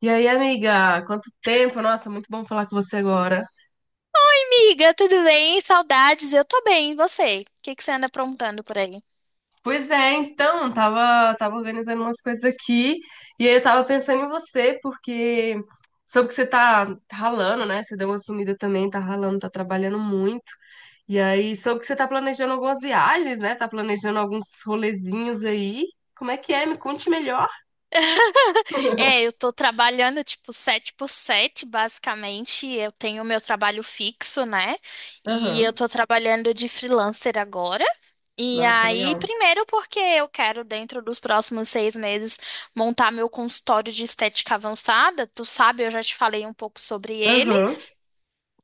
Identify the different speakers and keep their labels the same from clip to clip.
Speaker 1: E aí, amiga, quanto tempo? Nossa, muito bom falar com você agora.
Speaker 2: Oi, amiga, tudo bem? Saudades, eu tô bem, e você? O que que você anda aprontando por aí?
Speaker 1: Pois é, então, tava organizando umas coisas aqui e aí eu tava pensando em você, porque soube que você tá ralando, né? Você deu uma sumida também, tá ralando, tá trabalhando muito. E aí, soube que você tá planejando algumas viagens, né? Tá planejando alguns rolezinhos aí. Como é que é? Me conte melhor.
Speaker 2: Eu tô trabalhando tipo 7 por 7, basicamente. Eu tenho meu trabalho fixo, né? E eu
Speaker 1: Aham.
Speaker 2: tô trabalhando de freelancer agora. E
Speaker 1: Nossa,
Speaker 2: aí,
Speaker 1: legal.
Speaker 2: primeiro porque eu quero, dentro dos próximos 6 meses, montar meu consultório de estética avançada. Tu sabe, eu já te falei um pouco sobre ele.
Speaker 1: Aham.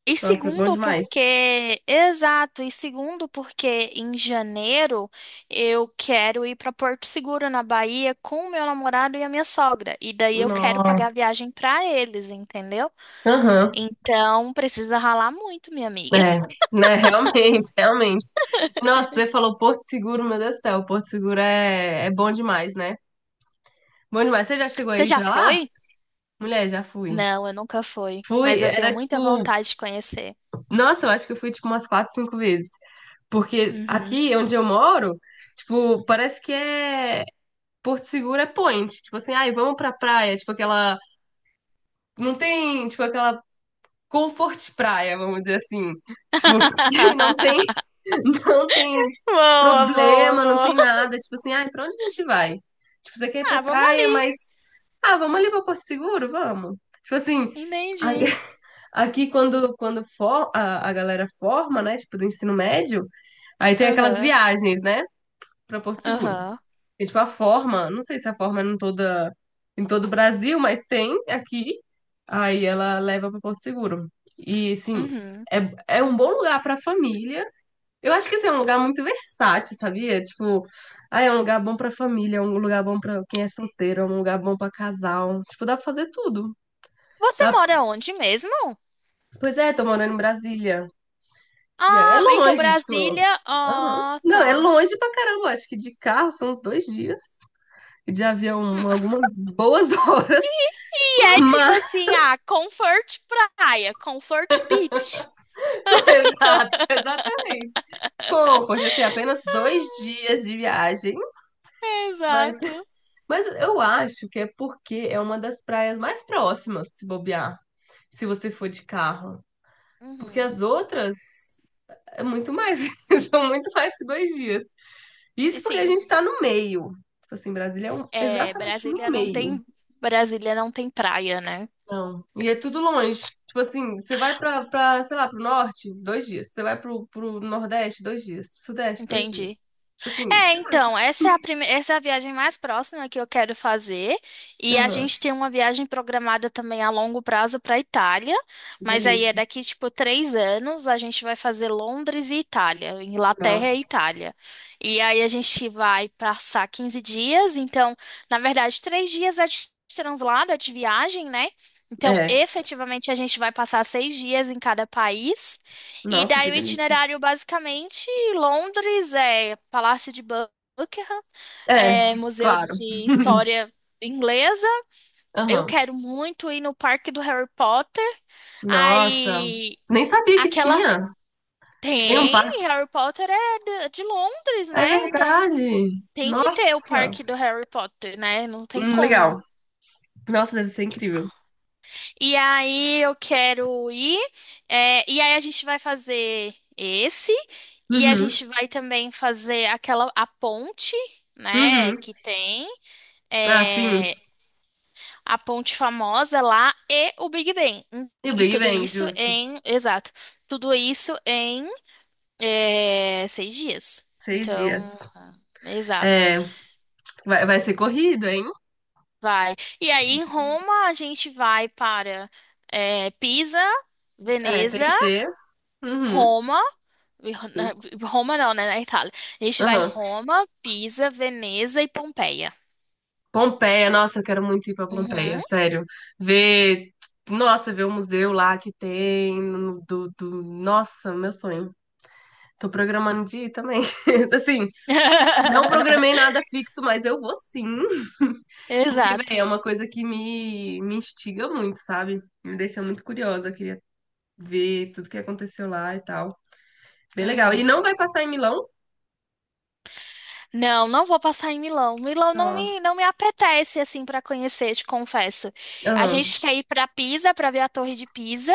Speaker 2: E
Speaker 1: Nossa, bom
Speaker 2: segundo
Speaker 1: demais.
Speaker 2: porque, exato, e segundo porque em janeiro eu quero ir para Porto Seguro, na Bahia, com o meu namorado e a minha sogra. E daí eu quero
Speaker 1: Nossa.
Speaker 2: pagar a viagem para eles, entendeu?
Speaker 1: Aham.
Speaker 2: Então precisa ralar muito, minha amiga.
Speaker 1: É, né, realmente, realmente. Nossa, você falou Porto Seguro, meu Deus do céu, Porto Seguro é bom demais, né? Bom demais. Você já chegou
Speaker 2: Você
Speaker 1: aí
Speaker 2: já
Speaker 1: pra lá?
Speaker 2: foi?
Speaker 1: Mulher, já fui.
Speaker 2: Não, eu nunca fui,
Speaker 1: Fui,
Speaker 2: mas eu tenho
Speaker 1: era
Speaker 2: muita
Speaker 1: tipo,
Speaker 2: vontade de conhecer.
Speaker 1: nossa, eu acho que eu fui tipo umas quatro, cinco vezes. Porque
Speaker 2: Uhum.
Speaker 1: aqui onde eu moro, tipo, parece que é Porto Seguro é point. Tipo assim, ai, vamos pra praia, tipo aquela, não tem, tipo aquela comfort praia, vamos dizer assim. Tipo, que não tem. Não tem
Speaker 2: Boa, boa,
Speaker 1: problema, não
Speaker 2: boa.
Speaker 1: tem nada. Tipo assim, ai, pra onde a gente vai? Tipo, você quer ir pra
Speaker 2: Ah, vamos
Speaker 1: praia,
Speaker 2: ali.
Speaker 1: mas. Ah, vamos ali pra Porto Seguro? Vamos. Tipo assim, a-
Speaker 2: Entendi.
Speaker 1: aqui quando for, a galera forma, né? Tipo, do ensino médio, aí tem aquelas
Speaker 2: Aham,
Speaker 1: viagens, né? Pra Porto Seguro.
Speaker 2: aham,
Speaker 1: E, tipo, a forma, não sei se a forma é em toda, em todo o Brasil, mas tem aqui. Aí ela leva pra Porto Seguro. E, assim,
Speaker 2: uhum.
Speaker 1: é, é um bom lugar pra família, eu acho que assim, é um lugar muito versátil, sabia? Tipo, ah, é um lugar bom pra família, é um lugar bom pra quem é solteiro, é um lugar bom pra casal. Tipo, dá pra fazer tudo.
Speaker 2: Você
Speaker 1: Dá...
Speaker 2: mora onde mesmo?
Speaker 1: Pois é, tô morando em Brasília. E é
Speaker 2: Ah, então
Speaker 1: longe, tipo.
Speaker 2: Brasília.
Speaker 1: Aham.
Speaker 2: Ah,
Speaker 1: Não, é
Speaker 2: tá.
Speaker 1: longe pra caramba. Acho que de carro são uns dois dias. E de avião,
Speaker 2: Hum,
Speaker 1: algumas boas horas.
Speaker 2: E é tipo
Speaker 1: Mas,
Speaker 2: assim, ah, Comfort Praia, Comfort Beach.
Speaker 1: exato, exatamente. Comfort, assim, apenas dois dias de viagem. Mas.
Speaker 2: Exato.
Speaker 1: Mas eu acho que é porque é uma das praias mais próximas, se bobear, se você for de carro. Porque
Speaker 2: Uhum.
Speaker 1: as outras é muito mais, são muito mais que dois dias.
Speaker 2: E
Speaker 1: Isso porque a
Speaker 2: sim,
Speaker 1: gente tá no meio. Tipo assim, Brasília
Speaker 2: é,
Speaker 1: exatamente no meio.
Speaker 2: Brasília não tem praia, né?
Speaker 1: Não. E é tudo longe. Tipo assim, você vai pra, sei lá, pro norte, dois dias. Você vai pro nordeste, dois dias. Sudeste, dois dias.
Speaker 2: Entendi.
Speaker 1: Tipo. Assim,
Speaker 2: É,
Speaker 1: sei lá.
Speaker 2: então, essa é a viagem mais próxima que eu quero fazer. E a
Speaker 1: Aham.
Speaker 2: gente tem uma viagem programada também a longo prazo para Itália. Mas aí é
Speaker 1: Delícia.
Speaker 2: daqui, tipo, 3 anos, a gente vai fazer Londres e Itália, Inglaterra
Speaker 1: Nossa.
Speaker 2: e Itália. E aí a gente vai passar 15 dias. Então, na verdade, 3 dias é de translado, é de viagem, né? Então,
Speaker 1: É.
Speaker 2: efetivamente, a gente vai passar 6 dias em cada país. E
Speaker 1: Nossa, que
Speaker 2: daí o
Speaker 1: delícia.
Speaker 2: itinerário, basicamente, Londres é Palácio de Buckingham,
Speaker 1: É,
Speaker 2: é Museu
Speaker 1: claro.
Speaker 2: de História Inglesa. Eu
Speaker 1: Aham.
Speaker 2: quero muito ir no Parque do Harry Potter.
Speaker 1: Nossa,
Speaker 2: Aí,
Speaker 1: nem sabia que
Speaker 2: aquela...
Speaker 1: tinha. Tem um
Speaker 2: Tem,
Speaker 1: parque.
Speaker 2: Harry Potter é de Londres,
Speaker 1: É
Speaker 2: né? Então,
Speaker 1: verdade.
Speaker 2: tem que ter o
Speaker 1: Nossa.
Speaker 2: Parque do Harry Potter, né? Não tem como.
Speaker 1: Legal. Nossa, deve ser incrível.
Speaker 2: E aí eu quero ir. E aí a gente vai fazer esse. E a
Speaker 1: Uhum,
Speaker 2: gente vai também fazer aquela a ponte, né?
Speaker 1: uhum.
Speaker 2: Que tem
Speaker 1: Ah, sim.
Speaker 2: é, a ponte famosa lá e o Big Ben.
Speaker 1: E o
Speaker 2: E
Speaker 1: Big
Speaker 2: tudo
Speaker 1: Bang,
Speaker 2: isso
Speaker 1: justo.
Speaker 2: em, exato, tudo isso em 6 dias.
Speaker 1: Seis dias.
Speaker 2: Então, exato,
Speaker 1: É, vai, vai ser corrido, hein?
Speaker 2: vai. E aí em Roma a gente vai para Pisa,
Speaker 1: É, tem
Speaker 2: Veneza.
Speaker 1: que ter. Uhum,
Speaker 2: Roma E Ro- Na-
Speaker 1: justo.
Speaker 2: Roma não, né? Na Itália. A gente vai
Speaker 1: Aham.
Speaker 2: Roma, Pisa, Veneza e Pompeia.
Speaker 1: Pompeia, nossa, eu quero muito ir pra Pompeia,
Speaker 2: Uhum.
Speaker 1: sério. Ver, nossa, ver o museu lá que tem, do, nossa, meu sonho. Tô programando de ir também. Assim, não programei nada fixo, mas eu vou sim. Porque, velho,
Speaker 2: Exato.
Speaker 1: é uma coisa que me instiga muito, sabe? Me deixa muito curiosa. Eu queria ver tudo que aconteceu lá e tal. Bem legal. E
Speaker 2: Uhum.
Speaker 1: não vai passar em Milão?
Speaker 2: Não, não vou passar em Milão. Milão não
Speaker 1: Não.
Speaker 2: me, não me apetece assim para conhecer, te confesso. A
Speaker 1: Aham,
Speaker 2: gente quer ir para Pisa para ver a Torre de Pisa,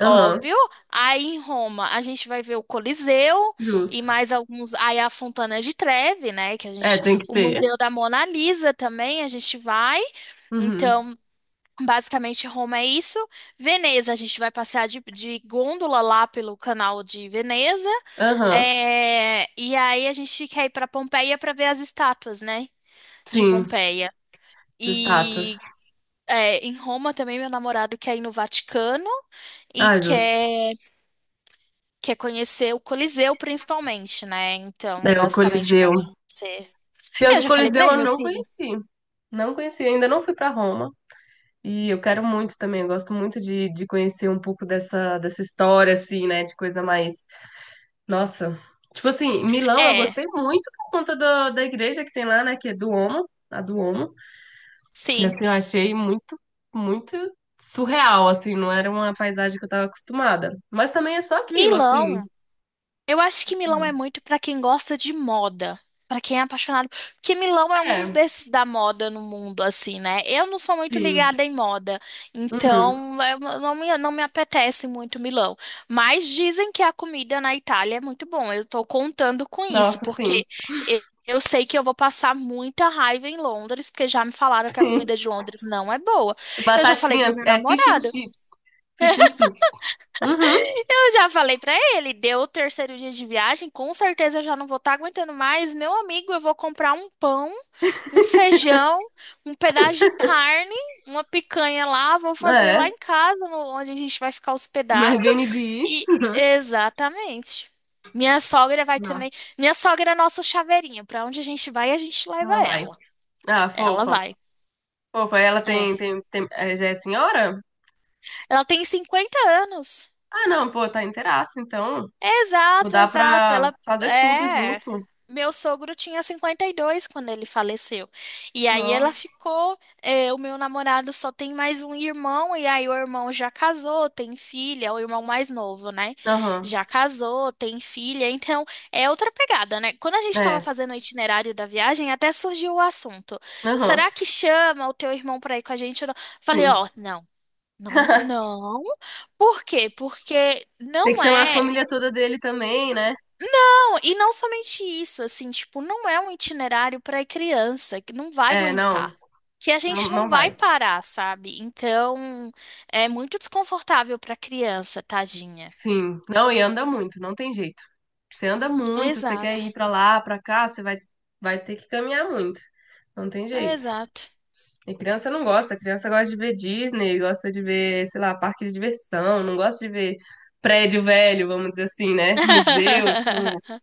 Speaker 1: aham,
Speaker 2: óbvio. Aí em Roma a gente vai ver o Coliseu e
Speaker 1: justo.
Speaker 2: mais alguns. Aí a Fontana de Trevi, né? Que a
Speaker 1: É,
Speaker 2: gente,
Speaker 1: tem que
Speaker 2: o
Speaker 1: ter.
Speaker 2: Museu da Mona Lisa também a gente vai.
Speaker 1: Uhum.
Speaker 2: Então, basicamente, Roma é isso. Veneza, a gente vai passear de gôndola lá pelo canal de Veneza.
Speaker 1: Aham,
Speaker 2: É, e aí a gente quer ir para Pompeia para ver as estátuas, né? De
Speaker 1: sim,
Speaker 2: Pompeia.
Speaker 1: estátuas.
Speaker 2: E em Roma também, meu namorado quer ir no Vaticano e
Speaker 1: Ah, justo.
Speaker 2: quer, quer conhecer o Coliseu, principalmente, né?
Speaker 1: É,
Speaker 2: Então,
Speaker 1: o
Speaker 2: basicamente, vão
Speaker 1: Coliseu.
Speaker 2: ser.
Speaker 1: Pior
Speaker 2: É, eu
Speaker 1: que o
Speaker 2: já falei para
Speaker 1: Coliseu
Speaker 2: ele,
Speaker 1: eu
Speaker 2: meu
Speaker 1: não
Speaker 2: filho.
Speaker 1: conheci. Não conheci, ainda não fui pra Roma. E eu quero muito também, eu gosto muito de conhecer um pouco dessa, dessa história, assim, né? De coisa mais. Nossa. Tipo assim, Milão eu
Speaker 2: É,
Speaker 1: gostei muito por conta do da igreja que tem lá, né? Que é do Duomo, a Duomo. Que
Speaker 2: sim.
Speaker 1: assim, eu achei muito, muito surreal, assim, não era uma paisagem que eu tava acostumada. Mas também é só aquilo, assim.
Speaker 2: Milão. Eu acho que Milão é
Speaker 1: Exatamente.
Speaker 2: muito pra quem gosta de moda, pra quem é apaixonado, porque Milão é um dos
Speaker 1: É,
Speaker 2: berços da moda no mundo, assim, né? Eu não sou muito
Speaker 1: sim.
Speaker 2: ligada em moda,
Speaker 1: Uhum.
Speaker 2: então eu não me apetece muito Milão. Mas dizem que a comida na Itália é muito bom. Eu tô contando com isso,
Speaker 1: Nossa, sim.
Speaker 2: porque eu sei que eu vou passar muita raiva em Londres, porque já me falaram que a comida de Londres não é boa. Eu já falei pro
Speaker 1: Batatinha,
Speaker 2: meu
Speaker 1: é fish and
Speaker 2: namorado.
Speaker 1: chips. Fish and chips. Uhum.
Speaker 2: Eu já falei pra ele, deu o terceiro dia de viagem, com certeza eu já não vou estar aguentando mais. Meu amigo, eu vou comprar um pão, um feijão, um pedaço de carne, uma picanha lá, vou fazer lá
Speaker 1: É.
Speaker 2: em casa, onde a gente vai ficar
Speaker 1: No
Speaker 2: hospedado.
Speaker 1: Airbnb.
Speaker 2: E exatamente. Minha sogra vai também. Minha sogra é nossa chaveirinha. Pra onde a gente vai, a gente leva
Speaker 1: Ela vai.
Speaker 2: ela.
Speaker 1: Ah,
Speaker 2: Ela
Speaker 1: fofa.
Speaker 2: vai.
Speaker 1: Fofa, ela
Speaker 2: É.
Speaker 1: é, já é senhora?
Speaker 2: Ela tem 50 anos.
Speaker 1: Ah, não, pô, tá inteiraça, então. Tipo,
Speaker 2: Exato,
Speaker 1: dá
Speaker 2: exato.
Speaker 1: pra
Speaker 2: Ela
Speaker 1: fazer tudo
Speaker 2: é.
Speaker 1: junto.
Speaker 2: Meu sogro tinha 52 quando ele faleceu. E aí
Speaker 1: Não.
Speaker 2: ela ficou. O meu namorado só tem mais um irmão, e aí o irmão já casou, tem filha, é o irmão mais novo, né?
Speaker 1: Aham.
Speaker 2: Já casou, tem filha. Então é outra pegada, né? Quando a gente estava
Speaker 1: É.
Speaker 2: fazendo o itinerário da viagem, até surgiu o assunto:
Speaker 1: Aham.
Speaker 2: será que chama o teu irmão para ir com a gente? Ou não? Falei,
Speaker 1: Sim.
Speaker 2: ó, não. Não, não. Por quê? Porque
Speaker 1: Tem que
Speaker 2: não
Speaker 1: chamar a
Speaker 2: é.
Speaker 1: família toda dele também, né?
Speaker 2: Não, e não somente isso, assim, tipo, não é um itinerário para criança que não vai
Speaker 1: É, não.
Speaker 2: aguentar, que a
Speaker 1: Não,
Speaker 2: gente
Speaker 1: não
Speaker 2: não vai
Speaker 1: vai.
Speaker 2: parar, sabe? Então, é muito desconfortável para criança, tadinha.
Speaker 1: Sim. Não, e anda muito, não tem jeito. Você anda muito, você quer
Speaker 2: Exato,
Speaker 1: ir pra lá, pra cá, você vai, vai ter que caminhar muito. Não tem jeito.
Speaker 2: exato.
Speaker 1: E criança não gosta, criança gosta de ver Disney, gosta de ver, sei lá, parque de diversão, não gosta de ver prédio velho, vamos dizer assim, né? Museu, tipo,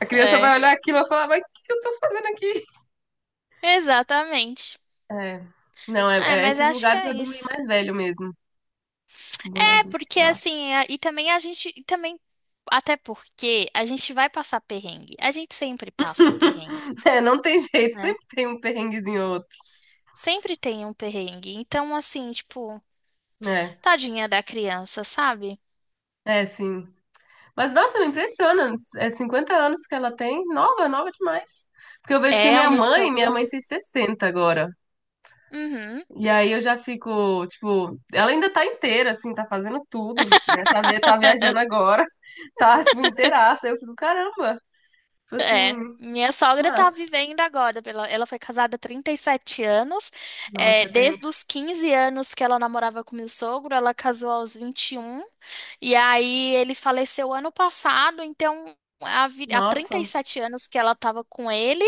Speaker 1: a criança
Speaker 2: É,
Speaker 1: vai olhar aquilo e vai falar, mas o que que eu tô fazendo aqui?
Speaker 2: exatamente.
Speaker 1: É, não, é,
Speaker 2: É,
Speaker 1: é,
Speaker 2: mas
Speaker 1: esses
Speaker 2: acho que
Speaker 1: lugares
Speaker 2: é
Speaker 1: é bom ir
Speaker 2: isso.
Speaker 1: mais velho mesmo, bom ir
Speaker 2: É,
Speaker 1: adulto,
Speaker 2: porque
Speaker 1: sei lá.
Speaker 2: assim, e também a gente, e também, até porque a gente vai passar perrengue. A gente sempre passa perrengue,
Speaker 1: É, não tem jeito,
Speaker 2: né?
Speaker 1: sempre tem um perrenguezinho ou outro.
Speaker 2: Sempre tem um perrengue. Então, assim, tipo.
Speaker 1: É.
Speaker 2: Tadinha da criança, sabe?
Speaker 1: É, sim. Mas, nossa, me impressiona, é 50 anos que ela tem, nova, nova demais. Porque eu vejo que a
Speaker 2: É, é o
Speaker 1: minha
Speaker 2: meu
Speaker 1: mãe, minha
Speaker 2: sogro.
Speaker 1: mãe tem 60 agora.
Speaker 2: Uhum,
Speaker 1: E aí eu já fico, tipo, ela ainda tá inteira, assim, tá fazendo tudo, né? Tá, tá viajando agora, tá, tipo, inteiraça. Eu fico, caramba, tipo assim,
Speaker 2: é. Minha sogra tá
Speaker 1: massa.
Speaker 2: vivendo agora. Ela foi casada há 37 anos. É,
Speaker 1: Nossa, tem...
Speaker 2: desde os 15 anos que ela namorava com meu sogro, ela casou aos 21. E um. E aí ele faleceu ano passado, então. Há
Speaker 1: Nossa,
Speaker 2: 37 anos que ela tava com ele.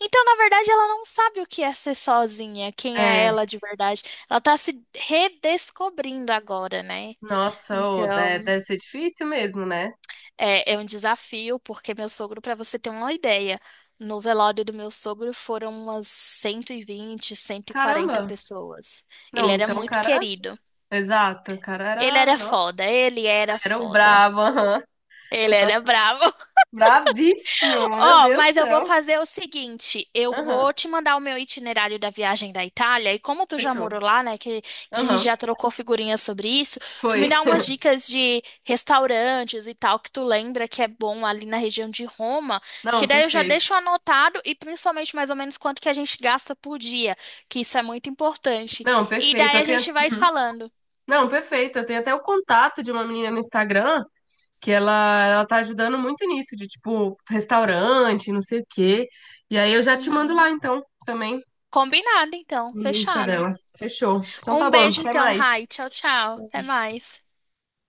Speaker 2: Então, na verdade, ela não sabe o que é ser sozinha, quem é
Speaker 1: é,
Speaker 2: ela de verdade. Ela tá se redescobrindo agora, né?
Speaker 1: nossa, ô,
Speaker 2: Então,
Speaker 1: deve ser difícil mesmo, né?
Speaker 2: é, é um desafio, porque meu sogro, para você ter uma ideia, no velório do meu sogro foram umas 120, 140
Speaker 1: Caramba.
Speaker 2: pessoas. Ele
Speaker 1: Não,
Speaker 2: era
Speaker 1: então o
Speaker 2: muito
Speaker 1: cara,
Speaker 2: querido.
Speaker 1: exato, o cara era, nossa,
Speaker 2: Ele era
Speaker 1: era o
Speaker 2: foda.
Speaker 1: brabo, aham.
Speaker 2: Ele era
Speaker 1: Nossa,
Speaker 2: bravo.
Speaker 1: bravíssimo, meu
Speaker 2: Ó,
Speaker 1: Deus do
Speaker 2: mas eu vou
Speaker 1: céu.
Speaker 2: fazer o seguinte, eu
Speaker 1: Aham,
Speaker 2: vou te mandar o meu itinerário da viagem da Itália, e como tu já
Speaker 1: fechou.
Speaker 2: morou lá, né, que a gente
Speaker 1: Aham,
Speaker 2: já trocou figurinhas sobre isso, tu me
Speaker 1: foi.
Speaker 2: dá umas dicas de restaurantes e tal que tu lembra que é bom ali na região de Roma, que
Speaker 1: Não,
Speaker 2: daí eu já
Speaker 1: perfeito.
Speaker 2: deixo anotado e principalmente mais ou menos quanto que a gente gasta por dia, que isso é muito importante.
Speaker 1: Não,
Speaker 2: E
Speaker 1: perfeito.
Speaker 2: daí
Speaker 1: Eu
Speaker 2: a
Speaker 1: tenho.
Speaker 2: gente vai se
Speaker 1: Hum.
Speaker 2: falando.
Speaker 1: Não, perfeito. Eu tenho até o contato de uma menina no Instagram que ela tá ajudando muito nisso, de tipo, restaurante, não sei o quê. E aí eu já te mando
Speaker 2: Uhum.
Speaker 1: lá, então, também,
Speaker 2: Combinado, então,
Speaker 1: no Insta
Speaker 2: fechado.
Speaker 1: dela. Fechou. Então tá
Speaker 2: Um
Speaker 1: bom,
Speaker 2: beijo
Speaker 1: até
Speaker 2: então,
Speaker 1: mais.
Speaker 2: Rai, tchau, tchau, até
Speaker 1: Beijo.
Speaker 2: mais.